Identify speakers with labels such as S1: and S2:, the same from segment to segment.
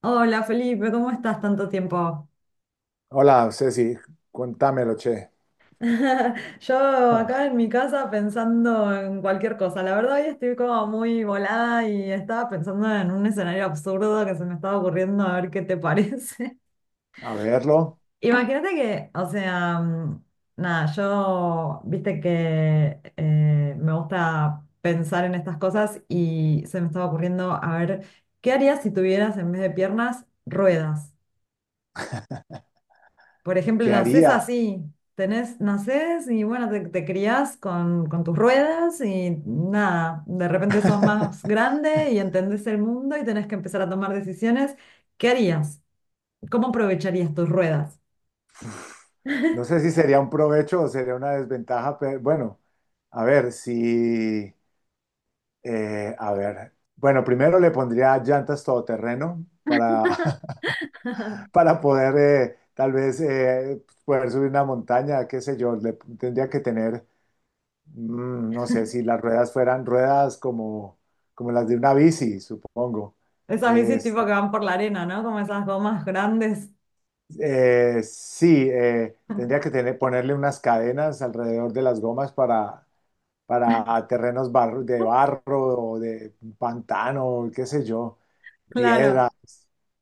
S1: Hola Felipe, ¿cómo estás tanto tiempo?
S2: Hola, Ceci, cuéntamelo, che.
S1: Yo acá en mi casa pensando en cualquier cosa. La verdad, hoy estoy como muy volada y estaba pensando en un escenario absurdo que se me estaba ocurriendo a ver qué te parece.
S2: A verlo,
S1: Imagínate que, o sea, nada, yo, viste que me gusta pensar en estas cosas y se me estaba ocurriendo a ver qué harías si tuvieras en vez de piernas ruedas. Por ejemplo,
S2: ¿qué
S1: nacés
S2: haría?
S1: así, tenés, nacés y bueno, te criás con tus ruedas y nada, de repente sos más grande y entendés el mundo y tenés que empezar a tomar decisiones. ¿Qué harías? ¿Cómo aprovecharías tus ruedas?
S2: No sé si sería un provecho o sería una desventaja, pero bueno, a ver, si, a ver, bueno, primero le pondría llantas todoterreno para, para poder tal vez poder subir una montaña, qué sé yo, le tendría que tener, no sé, si las ruedas fueran ruedas como, como las de una bici, supongo.
S1: Esas bicis tipo
S2: Este,
S1: que van por la arena, ¿no? Como esas gomas grandes.
S2: Sí, tendría que tener, ponerle unas cadenas alrededor de las gomas para de barro o de pantano, qué sé yo, piedras
S1: Claro,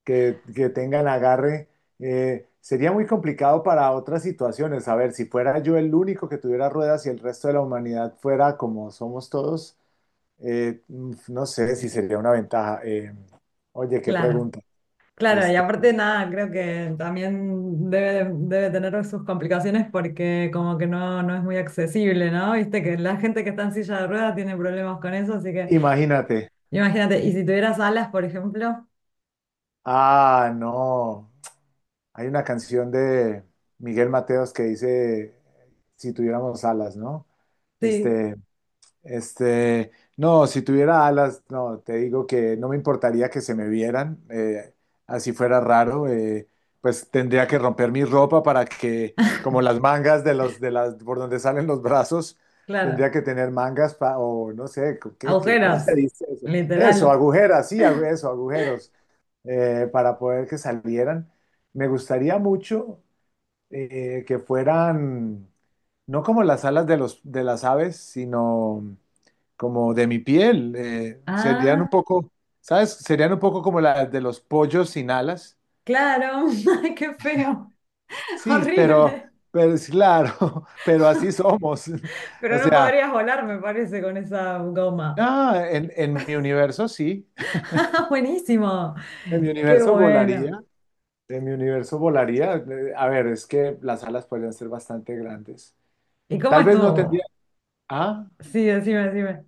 S2: que tengan agarre. Sería muy complicado para otras situaciones. A ver, si fuera yo el único que tuviera ruedas y el resto de la humanidad fuera como somos todos, no sé si sería una ventaja. Oye, qué
S1: claro.
S2: pregunta.
S1: Claro, y
S2: Este,
S1: aparte nada, creo que también debe tener sus complicaciones porque como que no, no es muy accesible, ¿no? Viste que la gente que está en silla de ruedas tiene problemas con eso, así que
S2: Imagínate.
S1: imagínate, y si tuvieras alas, por ejemplo,
S2: Ah, no. Hay una canción de Miguel Mateos que dice, si tuviéramos alas, ¿no?
S1: sí,
S2: Este, este, no, si tuviera alas, no, te digo que no me importaría que se me vieran, así fuera raro, pues tendría que romper mi ropa para que, como las mangas de las, por donde salen los brazos,
S1: claro,
S2: tendría que tener o no sé, ¿qué, cómo se
S1: agujeros,
S2: dice eso? Eso,
S1: literal.
S2: agujeras, sí, eso, agujeros para poder que salieran. Me gustaría mucho que fueran, no como las alas de las aves, sino como de mi piel. Serían un
S1: Ah,
S2: poco, ¿sabes? Serían un poco como las de los pollos sin alas.
S1: claro, ay, qué feo,
S2: Sí,
S1: horrible,
S2: pero es claro, pero así somos.
S1: pero
S2: O
S1: no
S2: sea,
S1: podrías volar, me parece, con esa goma.
S2: ah, en mi universo sí,
S1: Buenísimo,
S2: en mi
S1: qué
S2: universo
S1: bueno.
S2: volaría. En mi universo volaría. A ver, es que las alas podrían ser bastante grandes.
S1: ¿Y cómo
S2: Tal vez no tendría.
S1: estuvo?
S2: Ah,
S1: Sí, decime, decime.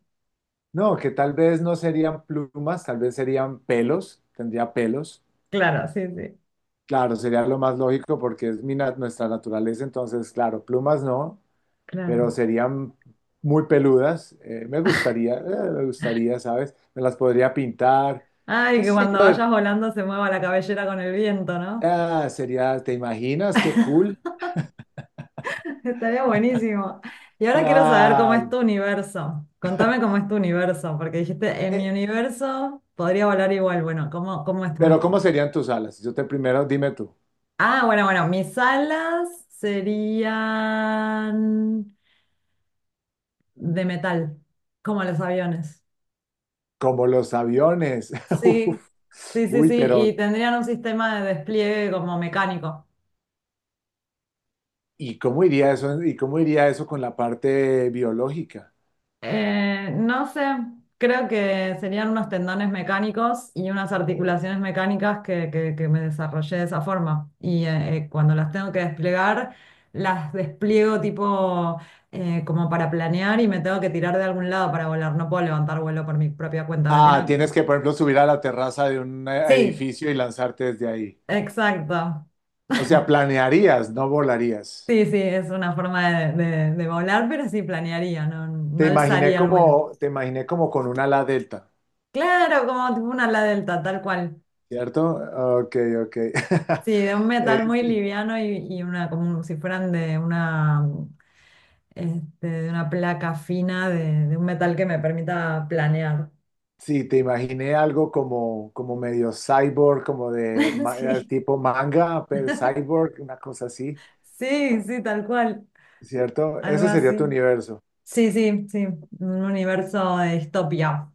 S2: no, que tal vez no serían plumas, tal vez serían pelos, tendría pelos.
S1: Claro, sí, sí,
S2: Claro, sería lo más lógico porque es nuestra naturaleza, entonces, claro, plumas no,
S1: claro.
S2: pero serían muy peludas. Me gustaría, ¿sabes? Me las podría pintar,
S1: Ay,
S2: qué
S1: que
S2: sé
S1: cuando
S2: yo.
S1: vayas volando se mueva la cabellera con el viento, ¿no?
S2: Ah, sería, ¿te imaginas? Qué cool.
S1: Estaría buenísimo. Y ahora quiero saber cómo es tu
S2: Claro.
S1: universo. Contame cómo es tu universo, porque dijiste, en mi
S2: Eh,
S1: universo podría volar igual. Bueno, cómo es tu
S2: pero
S1: universo?
S2: ¿cómo serían tus alas? Yo te primero, dime tú.
S1: Ah, bueno, mis alas serían de metal, como los aviones.
S2: Como los aviones.
S1: Sí,
S2: Uf,
S1: Sí, sí,
S2: uy,
S1: sí,
S2: pero
S1: y tendrían un sistema de despliegue como mecánico.
S2: ¿y cómo iría eso, y cómo iría eso con la parte biológica?
S1: No sé, creo que serían unos tendones mecánicos y unas
S2: O-
S1: articulaciones mecánicas que, que me desarrollé de esa forma. Y cuando las tengo que desplegar, las despliego tipo como para planear y me tengo que tirar de algún lado para volar. No puedo levantar vuelo por mi propia cuenta, ¿me
S2: Ah, tienes
S1: entienden?
S2: que, por ejemplo, subir a la terraza de un
S1: Sí,
S2: edificio y lanzarte desde ahí.
S1: exacto.
S2: O sea, planearías, no volarías.
S1: Sí, sí, es una forma de, de volar, pero sí planearía, no, no alzaría el vuelo.
S2: Te imaginé como con un ala delta,
S1: Claro, como tipo una ala delta, tal cual.
S2: ¿cierto? Ok, ok.
S1: Sí, de un
S2: Eh,
S1: metal muy
S2: sí,
S1: liviano y una, como si fueran de una, este, de una placa fina de un metal que me permita planear.
S2: sí, te imaginé algo como, como medio cyborg, como de
S1: Sí,
S2: tipo manga, pero cyborg, una cosa así,
S1: sí, sí, tal cual,
S2: ¿cierto?
S1: algo
S2: Ese sería
S1: así.
S2: tu universo.
S1: Sí, sí, sí, un universo de distopia.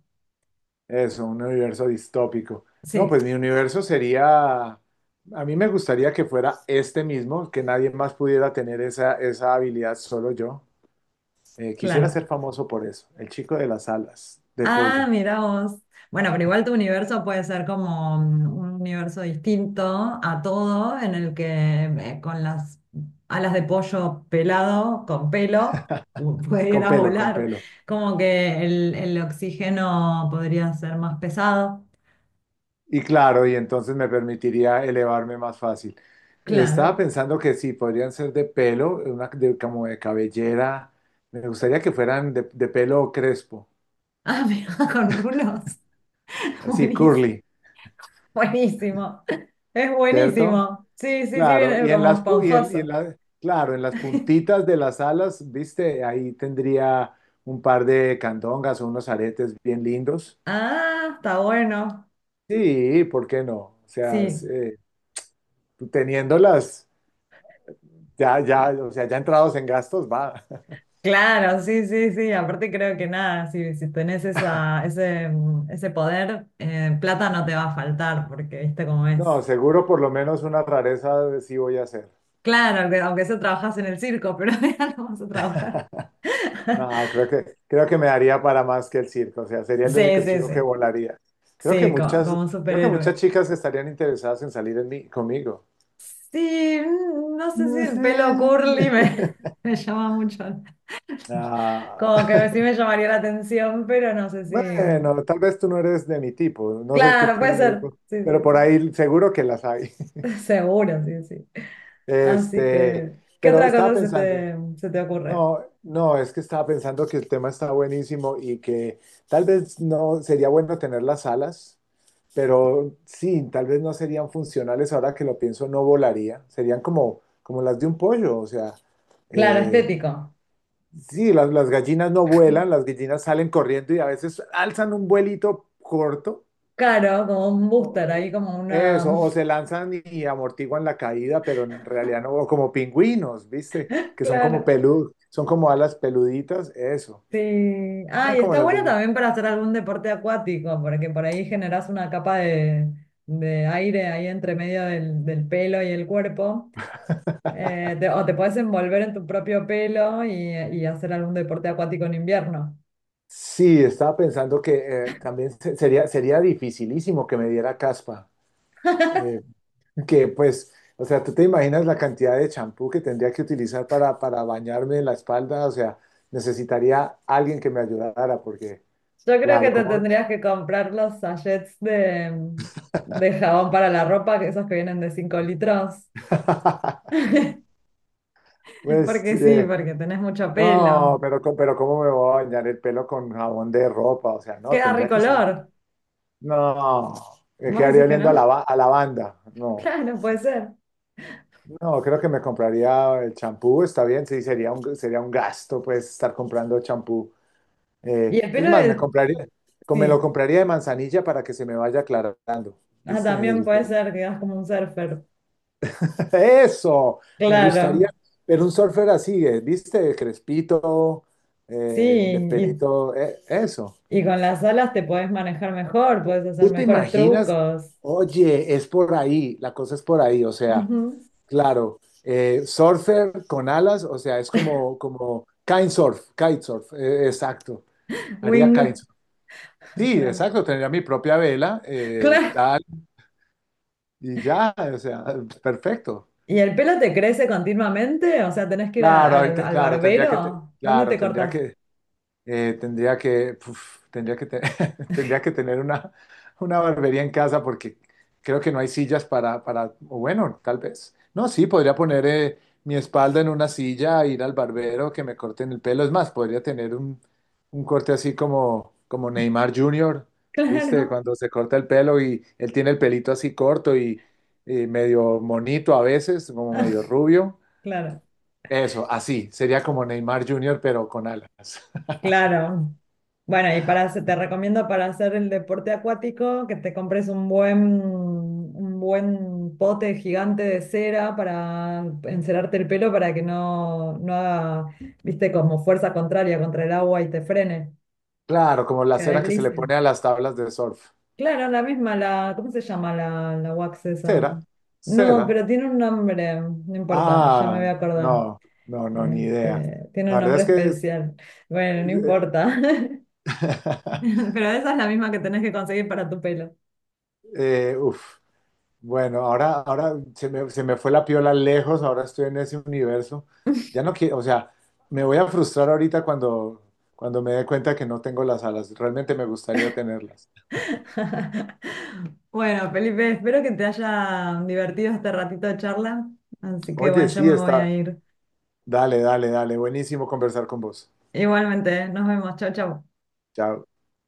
S2: Eso, un universo distópico. No,
S1: Sí,
S2: pues mi universo sería, a mí me gustaría que fuera este mismo, que nadie más pudiera tener esa, esa habilidad, solo yo. Quisiera ser
S1: claro.
S2: famoso por eso, el chico de las alas, de
S1: Ah,
S2: pollo,
S1: mira vos. Bueno, pero igual tu universo puede ser como mm, un universo distinto a todo, en el que con las alas de pollo pelado, con pelo,
S2: con
S1: pudieras
S2: pelo, con
S1: volar.
S2: pelo.
S1: Como que el oxígeno podría ser más pesado.
S2: Y claro, y entonces me permitiría elevarme más fácil. Estaba
S1: Claro.
S2: pensando que sí, podrían ser de pelo, una, como de cabellera. Me gustaría que fueran de pelo crespo,
S1: Ah, mira, con rulos.
S2: así
S1: Buenísimo.
S2: curly,
S1: Buenísimo. Es
S2: ¿cierto?
S1: buenísimo. Sí, sí, sí,
S2: Claro,
S1: viene
S2: y en
S1: como
S2: las, y en
S1: esponjoso.
S2: claro, en las puntitas de las alas, viste, ahí tendría un par de candongas o unos aretes bien lindos.
S1: Ah, está bueno.
S2: Sí, ¿por qué no? O sea, es,
S1: Sí.
S2: teniéndolas, ya, ya, o sea, ya entrados en gastos, va.
S1: Claro, sí, sí, sí. Aparte creo que nada, si, si tenés esa, ese, mm, ese poder, plata no te va a faltar, porque viste cómo
S2: No,
S1: es.
S2: seguro por lo menos una rareza sí voy a hacer.
S1: Claro, aunque, aunque eso trabajas en el circo, pero ya no vas a trabajar.
S2: No, creo que me daría para más que el circo, o sea, sería el
S1: Sí,
S2: único
S1: sí,
S2: chico que
S1: sí.
S2: volaría. Creo que
S1: Sí,
S2: muchas,
S1: como, un
S2: Creo que muchas
S1: superhéroe.
S2: chicas estarían interesadas en salir en mí, conmigo.
S1: Sí, mm, no sé si
S2: No
S1: el
S2: sé.
S1: pelo curly me, me llama mucho.
S2: Ah,
S1: Como que sí me llamaría la atención, pero no sé si.
S2: bueno, tal vez tú no eres de mi tipo, no soy tu
S1: Claro, puede ser.
S2: tipo,
S1: Sí,
S2: pero por
S1: sí.
S2: ahí seguro que las hay.
S1: Seguro, sí, sí. Así
S2: Este,
S1: que, ¿qué
S2: pero
S1: otra
S2: estaba
S1: cosa se
S2: pensando,
S1: se te ocurre?
S2: no, no, es que estaba pensando que el tema está buenísimo y que tal vez no sería bueno tener las alas, pero sí, tal vez no serían funcionales ahora que lo pienso, no volaría, serían como, como las de un pollo, o sea,
S1: Claro,
S2: eh,
S1: estético.
S2: sí, las gallinas no vuelan, las gallinas salen corriendo y a veces alzan un vuelito corto,
S1: Claro, como un
S2: o,
S1: booster, ahí como una...
S2: eso, o se lanzan y amortiguan la caída, pero en realidad no, o como pingüinos, ¿viste? Que son como
S1: Claro.
S2: peludos, son como alas peluditas, eso.
S1: Sí. Ah,
S2: Serían
S1: y
S2: como
S1: está
S2: las de
S1: bueno
S2: los-
S1: también para hacer algún deporte acuático, porque por ahí generás una capa de aire ahí entre medio del, del pelo y el cuerpo. O te puedes envolver en tu propio pelo y hacer algún deporte acuático en invierno.
S2: Sí, estaba pensando que sería, sería dificilísimo que me diera caspa. eh, o sea, tú te imaginas la cantidad de champú que tendría que utilizar para bañarme en la espalda, o sea, necesitaría alguien que me ayudara, porque,
S1: Yo creo que
S2: claro,
S1: te
S2: como,
S1: tendrías que comprar los sachets de jabón para la ropa, que esos que vienen de 5 litros.
S2: pues,
S1: Porque sí,
S2: eh,
S1: porque tenés mucho
S2: no,
S1: pelo.
S2: pero, pero ¿cómo me voy a bañar el pelo con jabón de ropa? O sea, no,
S1: Queda
S2: tendría que ser,
S1: ricolor.
S2: no, me
S1: ¿Vos
S2: quedaría
S1: decís que no?
S2: oliendo a, a lavanda, no,
S1: Claro, puede ser.
S2: no, creo que me compraría el champú, está bien, sí, sería un gasto, pues, estar comprando champú.
S1: Y el
S2: Es
S1: pelo
S2: más,
S1: de...
S2: me lo
S1: Sí.
S2: compraría de manzanilla para que se me vaya aclarando.
S1: Ah,
S2: ¿Viste?
S1: también
S2: El
S1: puede
S2: tema.
S1: ser que das como un surfer.
S2: Eso, me gustaría
S1: Claro.
S2: pero un surfer así, ¿viste? Crespito,
S1: Sí.
S2: de
S1: Y,
S2: pelito, eso.
S1: y con las alas te podés manejar mejor, podés hacer
S2: ¿Tú te
S1: mejores
S2: imaginas?
S1: trucos.
S2: Oye, es por ahí, la cosa es por ahí, o sea,
S1: Ujú.
S2: claro, surfer con alas, o sea, es como, como kitesurf, kitesurf, exacto, haría
S1: Wing.
S2: kitesurf. Sí,
S1: Claro.
S2: exacto, tendría mi propia vela, tal. Y ya, o sea, perfecto.
S1: ¿Y el pelo te crece continuamente? O sea, ¿tenés que ir
S2: Claro,
S1: al, al
S2: claro,
S1: barbero? ¿Dónde
S2: claro,
S1: te cortas?
S2: Tendría que, puf, tendría que, te- tendría que tener una barbería en casa porque creo que no hay sillas para, o bueno, tal vez. No, sí, podría poner mi espalda en una silla, ir al barbero, que me corten el pelo. Es más, podría tener un corte así como, como Neymar Jr., ¿viste?
S1: Claro,
S2: Cuando se corta el pelo y él tiene el pelito así corto y medio monito a veces, como medio rubio.
S1: claro,
S2: Eso, así, sería como Neymar Jr., pero con alas.
S1: claro. Bueno, y para, te recomiendo para hacer el deporte acuático que te compres un buen pote gigante de cera para encerarte el pelo para que no, no haga, viste, como fuerza contraria contra el agua y te frene,
S2: Claro, como la
S1: que
S2: cera que se le
S1: deslice.
S2: pone a las tablas de surf.
S1: Claro, la misma, la, ¿cómo se llama la, la wax esa?
S2: Cera,
S1: No,
S2: cera.
S1: pero tiene un nombre, no importa, ya me voy
S2: Ah,
S1: a acordar.
S2: no, no, no, ni idea.
S1: Este, tiene
S2: La
S1: un
S2: verdad
S1: nombre
S2: es que
S1: especial. Bueno, no importa. Pero esa es la misma que tenés que conseguir para tu pelo.
S2: uf. Bueno, ahora, se me fue la piola lejos, ahora estoy en ese universo. Ya no quiero, o sea, me voy a frustrar ahorita cuando, cuando me dé cuenta que no tengo las alas. Realmente me gustaría tenerlas.
S1: Bueno, Felipe, espero que te haya divertido este ratito de charla. Así que
S2: Oye,
S1: bueno, yo
S2: sí,
S1: me voy a
S2: está.
S1: ir.
S2: Dale, dale, dale. Buenísimo conversar con vos.
S1: Igualmente, nos vemos. Chau, chau.
S2: Chao.